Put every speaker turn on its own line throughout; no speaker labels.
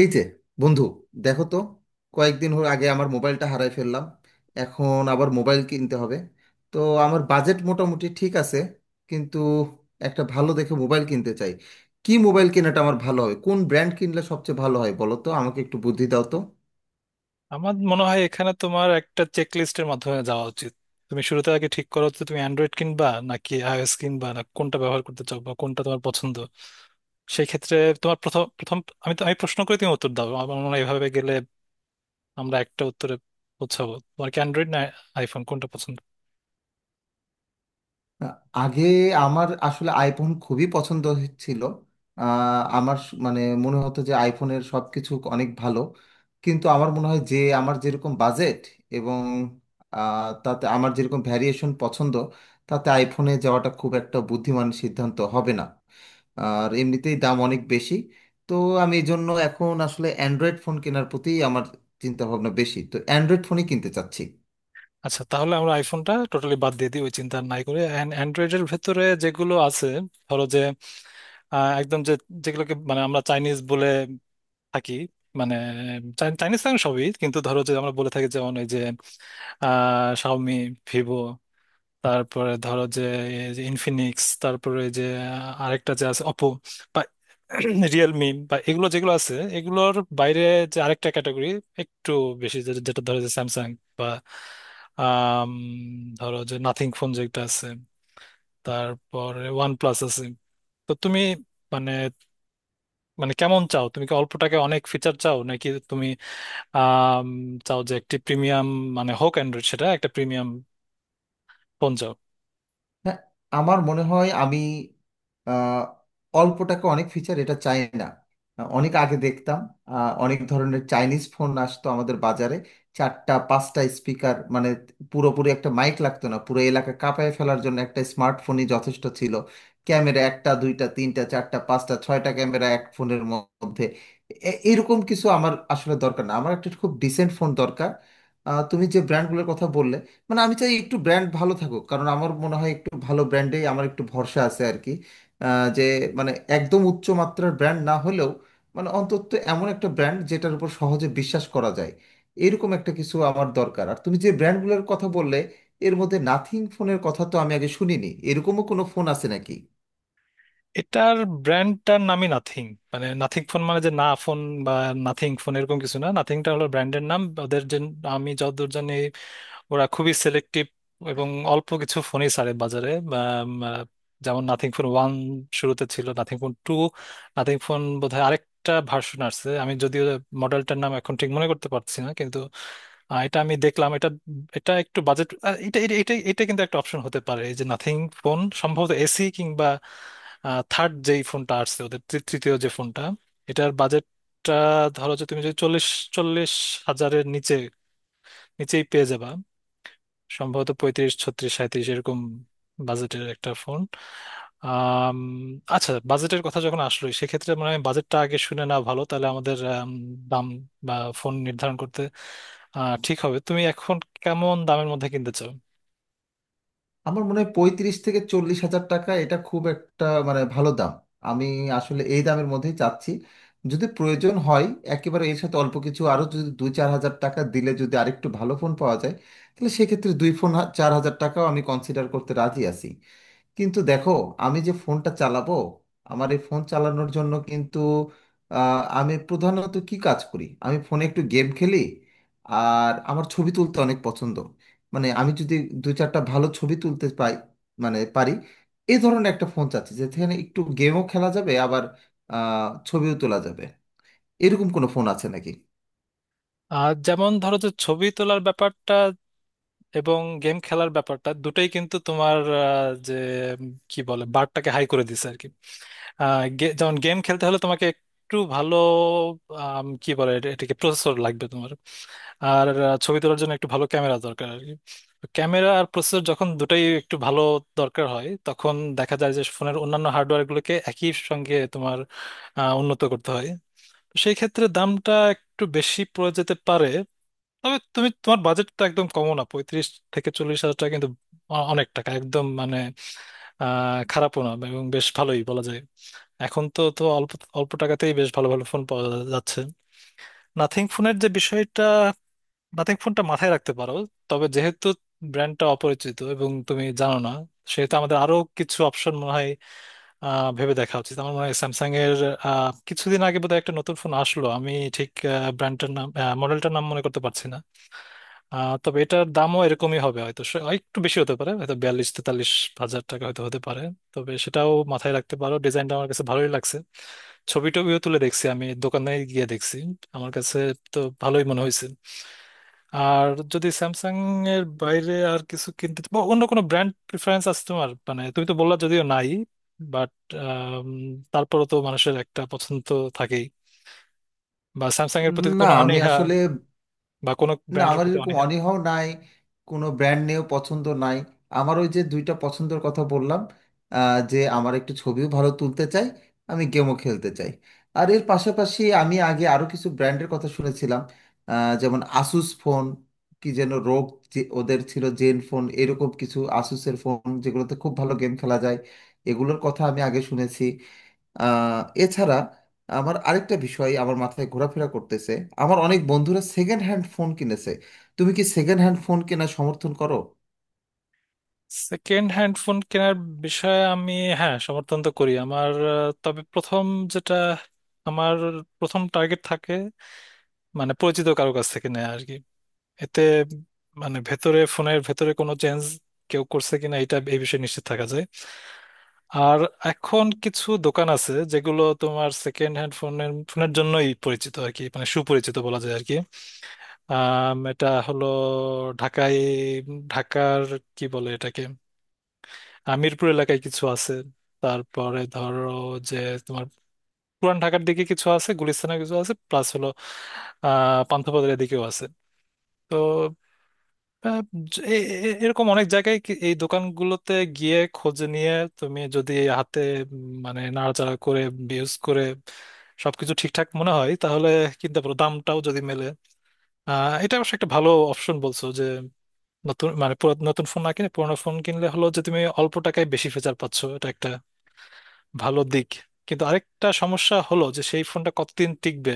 এই যে বন্ধু, দেখো তো, কয়েকদিন হল আগে আমার মোবাইলটা হারাই ফেললাম। এখন আবার মোবাইল কিনতে হবে। তো আমার বাজেট মোটামুটি ঠিক আছে, কিন্তু একটা ভালো দেখে মোবাইল কিনতে চাই। কি মোবাইল কেনাটা আমার ভালো হবে, কোন ব্র্যান্ড কিনলে সবচেয়ে ভালো হয় বলো তো, আমাকে একটু বুদ্ধি দাও তো।
আমার মনে হয় এখানে তোমার একটা চেক লিস্টের মাধ্যমে যাওয়া উচিত। তুমি শুরুতে আগে ঠিক করো যে তুমি অ্যান্ড্রয়েড কিনবা নাকি আইওএস কিনবা, না কোনটা ব্যবহার করতে চাও বা কোনটা তোমার পছন্দ। সেই ক্ষেত্রে তোমার প্রথম প্রথম আমি প্রশ্ন করে তুমি উত্তর দাও, আমার মনে হয় এভাবে গেলে আমরা একটা উত্তরে পৌঁছাবো। তোমার কি অ্যান্ড্রয়েড না আইফোন কোনটা পছন্দ?
আগে আমার আসলে আইফোন খুবই পছন্দ ছিল। আমার মানে মনে হতো যে আইফোনের সব কিছু অনেক ভালো। কিন্তু আমার মনে হয় যে আমার যেরকম বাজেট এবং তাতে আমার যেরকম ভ্যারিয়েশন পছন্দ, তাতে আইফোনে যাওয়াটা খুব একটা বুদ্ধিমান সিদ্ধান্ত হবে না। আর এমনিতেই দাম অনেক বেশি। তো আমি এই জন্য এখন আসলে অ্যান্ড্রয়েড ফোন কেনার প্রতি আমার চিন্তা ভাবনা বেশি, তো অ্যান্ড্রয়েড ফোনই কিনতে চাচ্ছি।
আচ্ছা, তাহলে আমরা আইফোনটা টোটালি বাদ দিয়ে দিই, ওই চিন্তা নাই করে। অ্যান্ড্রয়েডের ভেতরে যেগুলো আছে, ধরো যে একদম যে যেগুলোকে মানে আমরা চাইনিজ বলে থাকি, মানে চাইনিজ ফ্যান সবই, কিন্তু ধরো যে আমরা বলে থাকি যেমন ওই যে শাওমি, ভিভো, তারপরে ধরো যে এই যে ইনফিনিক্স, তারপরে ওই যে আরেকটা যে আছে অপো, বা রিয়েলমি, বা এগুলো যেগুলো আছে, এগুলোর বাইরে যে আরেকটা ক্যাটাগরি একটু বেশি যেটা ধরো যে স্যামসাং, বা আম, ধরো যে নাথিং ফোন যেটা আছে, তারপরে ওয়ান প্লাস আছে। তো তুমি মানে মানে কেমন চাও? তুমি কি অল্প টাকায় অনেক ফিচার চাও, নাকি তুমি আম, চাও যে একটি প্রিমিয়াম, মানে হোক অ্যান্ড্রয়েড, সেটা একটা প্রিমিয়াম ফোন চাও?
হ্যাঁ, আমার মনে হয় আমি আহ, অল্প টাকা অনেক ফিচার এটা চাই না। অনেক আগে দেখতাম অনেক ধরনের চাইনিজ ফোন আসতো আমাদের বাজারে। চারটা পাঁচটা স্পিকার, মানে পুরোপুরি একটা মাইক লাগতো না, পুরো এলাকা কাঁপায় ফেলার জন্য একটা স্মার্টফোনই যথেষ্ট ছিল। ক্যামেরা একটা দুইটা তিনটা চারটা পাঁচটা ছয়টা ক্যামেরা এক ফোনের মধ্যে, এরকম কিছু আমার আসলে দরকার না, আমার একটা খুব ডিসেন্ট ফোন দরকার। তুমি যে ব্র্যান্ডগুলোর কথা বললে, মানে আমি চাই একটু ব্র্যান্ড ভালো থাকুক, কারণ আমার মনে হয় একটু ভালো ব্র্যান্ডেই আমার একটু ভরসা আছে আর কি। যে মানে একদম উচ্চ মাত্রার ব্র্যান্ড না হলেও মানে অন্তত এমন একটা ব্র্যান্ড যেটার উপর সহজে বিশ্বাস করা যায়, এরকম একটা কিছু আমার দরকার। আর তুমি যে ব্র্যান্ডগুলোর কথা বললে, এর মধ্যে নাথিং ফোনের কথা তো আমি আগে শুনিনি, এরকমও কোনো ফোন আছে নাকি?
এটার ব্র্যান্ডটার নামই নাথিং। মানে নাথিং ফোন মানে যে না ফোন বা নাথিং ফোন এরকম কিছু না, নাথিংটা হলো ব্র্যান্ডের নাম। ওদের যে, আমি যতদূর জানি, ওরা খুবই সিলেক্টিভ এবং অল্প কিছু ফোনই ছাড়ে বাজারে। উম, আহ, যেমন নাথিং ফোন 1 শুরুতে ছিল, নাথিং ফোন 2, নাথিং ফোন বোধহয় আরেকটা ভার্সন আসছে, আমি যদিও মডেলটার নাম এখন ঠিক মনে করতে পারছি না। কিন্তু এটা আমি দেখলাম, এটা এটা একটু বাজেট, এটা এটা এটা এটা কিন্তু একটা অপশন হতে পারে, এই যে নাথিং ফোন সম্ভবত এসি কিংবা থার্ড, যেই ফোনটা আসছে ওদের তৃতীয় যে ফোনটা, এটার বাজেটটা ধরো যে তুমি যদি চল্লিশ চল্লিশ হাজারের নিচে, নিচেই পেয়ে যাবা। সম্ভবত 35 36 37 এরকম বাজেটের একটা ফোন। আম, আচ্ছা, বাজেটের কথা যখন আসলো, সেক্ষেত্রে মানে বাজেটটা আগে শুনে না ভালো, তাহলে আমাদের দাম বা ফোন নির্ধারণ করতে ঠিক হবে। তুমি এখন কেমন দামের মধ্যে কিনতে চাও?
আমার মনে হয় 35 থেকে 40 হাজার টাকা, এটা খুব একটা মানে ভালো দাম। আমি আসলে এই দামের মধ্যেই চাচ্ছি। যদি প্রয়োজন হয় একেবারে এর সাথে অল্প কিছু আরও, যদি 2-4 হাজার টাকা দিলে যদি আরেকটু ভালো ফোন পাওয়া যায়, তাহলে সেক্ষেত্রে দুই ফোন 4 হাজার টাকাও আমি কনসিডার করতে রাজি আছি। কিন্তু দেখো, আমি যে ফোনটা চালাবো, আমার এই ফোন চালানোর জন্য কিন্তু আমি প্রধানত কি কাজ করি, আমি ফোনে একটু গেম খেলি আর আমার ছবি তুলতে অনেক পছন্দ। মানে আমি যদি দু চারটা ভালো ছবি তুলতে পাই মানে পারি, এই ধরনের একটা ফোন চাচ্ছি যেখানে একটু গেমও খেলা যাবে আবার ছবিও তোলা যাবে, এরকম কোনো ফোন আছে নাকি?
আর যেমন ধরো যে ছবি তোলার ব্যাপারটা এবং গেম খেলার ব্যাপারটা দুটোই কিন্তু তোমার যে কি বলে বারটাকে হাই করে দিছে আর কি। যেমন গেম খেলতে হলে তোমাকে একটু ভালো কি বলে এটাকে প্রসেসর লাগবে তোমার। আর ছবি তোলার জন্য একটু ভালো ক্যামেরা দরকার আর কি। তো ক্যামেরা আর প্রসেসর যখন দুটাই একটু ভালো দরকার হয়, তখন দেখা যায় যে ফোনের অন্যান্য হার্ডওয়্যার গুলোকে একই সঙ্গে তোমার উন্নত করতে হয়। তো সেই ক্ষেত্রে দামটা একটু বেশি পড়ে যেতে পারে। তবে তুমি তোমার বাজেটটা একদম কমও না, 35 থেকে 40 হাজার টাকা কিন্তু অনেক টাকা, একদম মানে খারাপও না, এবং বেশ ভালোই বলা যায়। এখন তো তো অল্প অল্প টাকাতেই বেশ ভালো ভালো ফোন পাওয়া যাচ্ছে। নাথিং ফোনের যে বিষয়টা, নাথিং ফোনটা মাথায় রাখতে পারো। তবে যেহেতু ব্র্যান্ডটা অপরিচিত এবং তুমি জানো না, সেহেতু আমাদের আরো কিছু অপশন মনে হয় ভেবে দেখা উচিত। আমার মনে হয় স্যামসাং এর কিছুদিন আগে বোধহয় একটা নতুন ফোন আসলো, আমি ঠিক ব্র্যান্ডটার নাম মডেলটার নাম মনে করতে পারছি না। তবে এটার দামও এরকমই হবে হয়তো, আর একটু বেশি হতে পারে, হয়তো 42 43 হাজার টাকা হয়তো হতে পারে। তবে সেটাও মাথায় রাখতে পারো, ডিজাইনটা আমার কাছে ভালোই লাগছে। ছবি টবিও তুলে দেখছি, আমি দোকানে গিয়ে দেখছি, আমার কাছে তো ভালোই মনে হয়েছে। আর যদি স্যামসাং এর বাইরে আর কিছু কিনতে বা অন্য কোনো ব্র্যান্ড প্রিফারেন্স আছে তোমার, মানে তুমি তো বললা যদিও নাই, বাট তারপরও তো মানুষের একটা পছন্দ তো থাকেই। বা স্যামসাং এর প্রতি
না
কোনো
আমি
অনীহা,
আসলে,
বা কোনো
না
ব্র্যান্ডের
আমার
প্রতি
এরকম
অনীহা?
অনীহাও নাই, কোনো ব্র্যান্ড নিয়েও পছন্দ নাই। আমার ওই যে দুইটা পছন্দের কথা বললাম, যে আমার একটু ছবিও ভালো তুলতে চাই, আমি গেমও খেলতে চাই। আর এর পাশাপাশি আমি আগে আরও কিছু ব্র্যান্ডের কথা শুনেছিলাম, যেমন আসুস ফোন। কি যেন রোগ, যে ওদের ছিল জেন ফোন এরকম কিছু, আসুসের ফোন যেগুলোতে খুব ভালো গেম খেলা যায়, এগুলোর কথা আমি আগে শুনেছি। আহ, এছাড়া আমার আরেকটা বিষয় আমার মাথায় ঘোরাফেরা করতেছে, আমার অনেক বন্ধুরা সেকেন্ড হ্যান্ড ফোন কিনেছে, তুমি কি সেকেন্ড হ্যান্ড ফোন কেনা সমর্থন করো?
সেকেন্ড হ্যান্ড ফোন কেনার বিষয়ে আমি, হ্যাঁ, সমর্থন তো করি আমার। তবে প্রথম যেটা আমার প্রথম টার্গেট থাকে, মানে পরিচিত কারো কাছ থেকে নেয়া আর কি। এতে মানে ভেতরে, ফোনের ভেতরে কোনো চেঞ্জ কেউ করছে কিনা, এটা এই বিষয়ে নিশ্চিত থাকা যায়। আর এখন কিছু দোকান আছে যেগুলো তোমার সেকেন্ড হ্যান্ড ফোনের ফোনের জন্যই পরিচিত আর কি, মানে সুপরিচিত বলা যায় আর কি। এটা হলো ঢাকায়, ঢাকার কি বলে এটাকে, মিরপুর এলাকায় কিছু আছে, তারপরে ধরো যে তোমার পুরান ঢাকার দিকে কিছু আছে, গুলিস্তানে কিছু আছে, প্লাস হলো পান্থপথের দিকেও আছে। তো আহ, জ- এ- এ- এরকম অনেক জায়গায় এই দোকানগুলোতে গিয়ে খোঁজ নিয়ে, তুমি যদি হাতে মানে নাড়াচাড়া করে, ইউজ করে সবকিছু ঠিকঠাক মনে হয়, তাহলে কিনতে পারো, দামটাও যদি মেলে। এটা অবশ্য একটা ভালো অপশন বলছো যে নতুন মানে নতুন ফোন না কিনে পুরোনো ফোন কিনলে হলো যে তুমি অল্প টাকায় বেশি ফিচার পাচ্ছ, এটা একটা ভালো দিক। কিন্তু আরেকটা সমস্যা হলো যে সেই ফোনটা কতদিন টিকবে,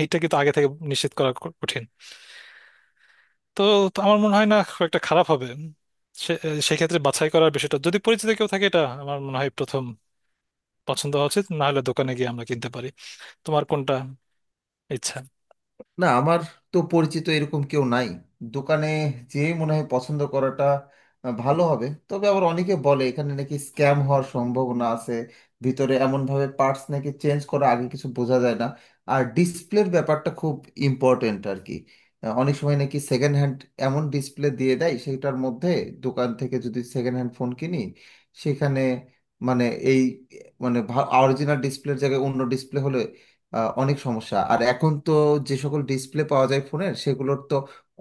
এইটা কিন্তু আগে থেকে নিশ্চিত করা কঠিন। তো তো আমার মনে হয় না খুব একটা খারাপ হবে। সে- সেক্ষেত্রে বাছাই করার বিষয়টা যদি পরিচিত কেউ থাকে, এটা আমার মনে হয় প্রথম পছন্দ হওয়া উচিত। না হলে দোকানে গিয়ে আমরা কিনতে পারি। তোমার কোনটা ইচ্ছা?
না আমার তো পরিচিত এরকম কেউ নাই দোকানে, যে মনে হয় পছন্দ করাটা ভালো হবে। তবে আবার অনেকে বলে এখানে নাকি স্ক্যাম হওয়ার সম্ভাবনা আছে, ভিতরে এমনভাবে পার্টস নাকি চেঞ্জ করা আগে কিছু বোঝা যায় না। আর ডিসপ্লের ব্যাপারটা খুব ইম্পর্ট্যান্ট আর কি। অনেক সময় নাকি সেকেন্ড হ্যান্ড এমন ডিসপ্লে দিয়ে দেয় সেটার মধ্যে, দোকান থেকে যদি সেকেন্ড হ্যান্ড ফোন কিনি সেখানে মানে এই মানে অরিজিনাল ডিসপ্লের জায়গায় অন্য ডিসপ্লে হলে অনেক সমস্যা। আর এখন তো যে সকল ডিসপ্লে পাওয়া যায় ফোনের, সেগুলোর তো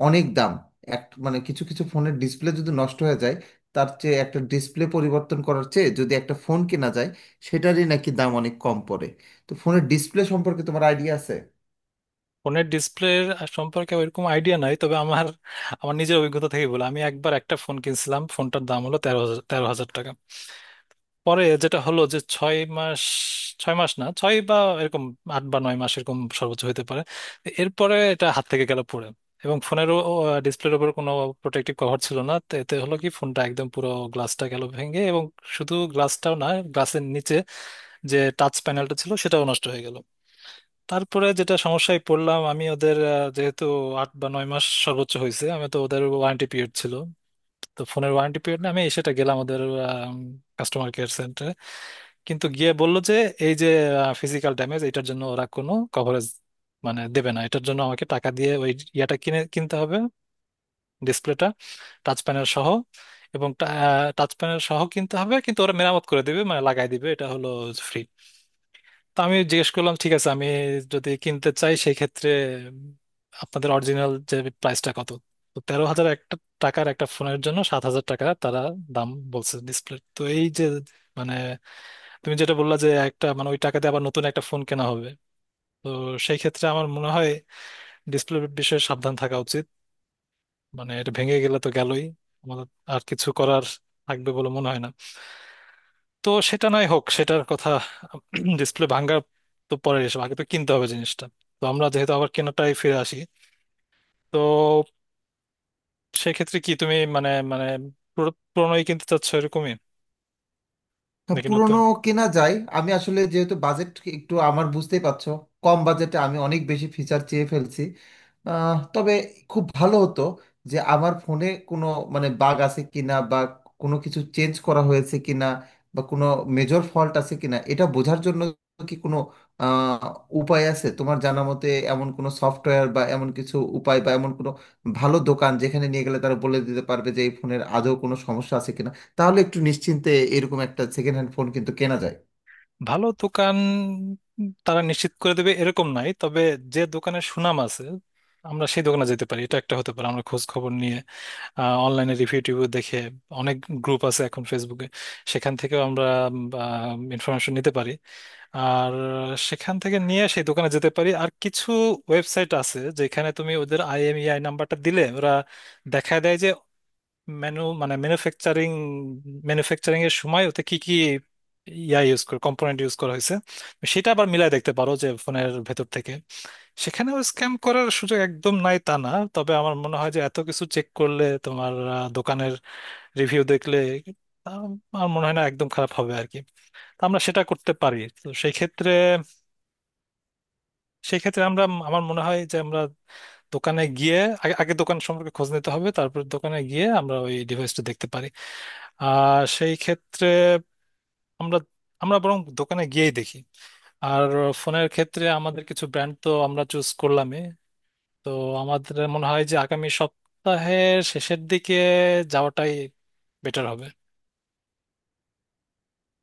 অনেক দাম। এক মানে কিছু কিছু ফোনের ডিসপ্লে যদি নষ্ট হয়ে যায়, তার চেয়ে একটা ডিসপ্লে পরিবর্তন করার চেয়ে যদি একটা ফোন কেনা যায়, সেটারই নাকি দাম অনেক কম পড়ে। তো ফোনের ডিসপ্লে সম্পর্কে তোমার আইডিয়া আছে?
ফোনের ডিসপ্লে সম্পর্কে ওইরকম আইডিয়া নাই, তবে আমার, আমার নিজের অভিজ্ঞতা থেকে বলে আমি একবার একটা ফোন কিনছিলাম, ফোনটার দাম হলো তেরো হাজার টাকা। পরে যেটা হলো যে 6 মাস, ছয় মাস না ছয় বা এরকম 8 বা 9 মাস এরকম সর্বোচ্চ হতে পারে, এরপরে এটা হাত থেকে গেল পড়ে। এবং ফোনের ডিসপ্লের উপর কোনো প্রোটেক্টিভ কভার ছিল না, তো এতে হলো কি, ফোনটা একদম পুরো গ্লাসটা গেল ভেঙে। এবং শুধু গ্লাসটাও না, গ্লাসের নিচে যে টাচ প্যানেলটা ছিল সেটাও নষ্ট হয়ে গেল। তারপরে যেটা সমস্যায় পড়লাম, আমি ওদের যেহেতু 8 বা 9 মাস সর্বোচ্চ হয়েছে, আমি তো ওদের ওয়ারেন্টি পিরিয়ড ছিল, তো ফোনের ওয়ারেন্টি পিরিয়ড, না আমি সেটা গেলাম ওদের, কিন্তু গিয়ে বলল যে এই যে ফিজিক্যাল ড্যামেজ, এটার জন্য ওরা কোনো কভারেজ মানে দেবে না। এটার জন্য আমাকে টাকা দিয়ে ওই ইয়াটা কিনতে হবে, ডিসপ্লেটা টাচ প্যানেল সহ। এবং টাচ প্যানেল সহ কিনতে হবে, কিন্তু ওরা মেরামত করে দেবে, মানে লাগাই দিবে, এটা হলো ফ্রি। তো আমি জিজ্ঞেস করলাম, ঠিক আছে, আমি যদি কিনতে চাই সেই ক্ষেত্রে আপনাদের অরিজিনাল যে প্রাইসটা কত? তো 13 হাজার একটা টাকার একটা ফোনের জন্য 7 হাজার টাকা তারা দাম বলছে ডিসপ্লে। তো এই যে মানে তুমি যেটা বললা যে একটা মানে ওই টাকাতে আবার নতুন একটা ফোন কেনা হবে, তো সেই ক্ষেত্রে আমার মনে হয় ডিসপ্লে বিষয়ে সাবধান থাকা উচিত। মানে এটা ভেঙে গেলে তো গেলই, আমাদের আর কিছু করার থাকবে বলে মনে হয় না। তো সেটা নয় হোক সেটার কথা, ডিসপ্লে ভাঙা তো পরের, এসব আগে তো কিনতে হবে জিনিসটা। তো আমরা যেহেতু আবার কেনাটাই ফিরে আসি, তো সেক্ষেত্রে কি তুমি মানে মানে পুরো পুরোনোই কিনতে চাচ্ছ এরকমই
হ্যাঁ,
নাকি
পুরোনো
নতুন?
কেনা যায়। আমি আসলে যেহেতু বাজেট একটু, আমার বুঝতেই পারছো, কম বাজেটে আমি অনেক বেশি ফিচার চেয়ে ফেলছি। তবে খুব ভালো হতো যে আমার ফোনে কোনো মানে বাগ আছে কিনা বা কোনো কিছু চেঞ্জ করা হয়েছে কিনা বা কোনো মেজর ফল্ট আছে কিনা এটা বোঝার জন্য কি কোনো আহ, উপায় আছে তোমার জানা মতে? এমন কোনো সফটওয়্যার বা এমন কিছু উপায় বা এমন কোনো ভালো দোকান যেখানে নিয়ে গেলে তারা বলে দিতে পারবে যে এই ফোনের আদৌ কোনো সমস্যা আছে কিনা, তাহলে একটু নিশ্চিন্তে এরকম একটা সেকেন্ড হ্যান্ড ফোন কিন্তু কেনা যায়।
ভালো দোকান তারা নিশ্চিত করে দেবে এরকম নাই, তবে যে দোকানের সুনাম আছে, আমরা সেই দোকানে যেতে পারি, এটা একটা হতে পারে। আমরা খোঁজ খবর নিয়ে, অনলাইনে রিভিউ টিভিউ দেখে, অনেক গ্রুপ আছে এখন ফেসবুকে, সেখান থেকেও আমরা ইনফরমেশন নিতে পারি। আর সেখান থেকে নিয়ে সেই দোকানে যেতে পারি। আর কিছু ওয়েবসাইট আছে যেখানে তুমি ওদের আইএমইআই নাম্বারটা দিলে ওরা দেখায় দেয় যে ম্যানুফ্যাকচারিং, এর সময় ওতে কি কি ইয়া ইউজ করে, কম্পোনেন্ট ইউজ করা হয়েছে, সেটা আবার মিলাই দেখতে পারো যে ফোনের ভেতর থেকে। সেখানেও স্ক্যাম করার সুযোগ একদম নাই তা না, তবে আমার মনে হয় যে এত কিছু চেক করলে তোমার দোকানের রিভিউ দেখলে, আম, আমার মনে হয় না একদম খারাপ হবে আর কি। তো আমরা সেটা করতে পারি। তো সেই ক্ষেত্রে আমরা, আমার মনে হয় যে আমরা দোকানে গিয়ে, আগে আগে দোকান সম্পর্কে খোঁজ নিতে হবে, তারপর দোকানে গিয়ে আমরা ওই ডিভাইসটা দেখতে পারি। আর সেই ক্ষেত্রে আমরা আমরা বরং দোকানে গিয়েই দেখি। আর ফোনের ক্ষেত্রে আমাদের কিছু ব্র্যান্ড তো আমরা চুজ করলামই। তো আমাদের মনে হয় যে আগামী সপ্তাহের শেষের দিকে যাওয়াটাই বেটার হবে।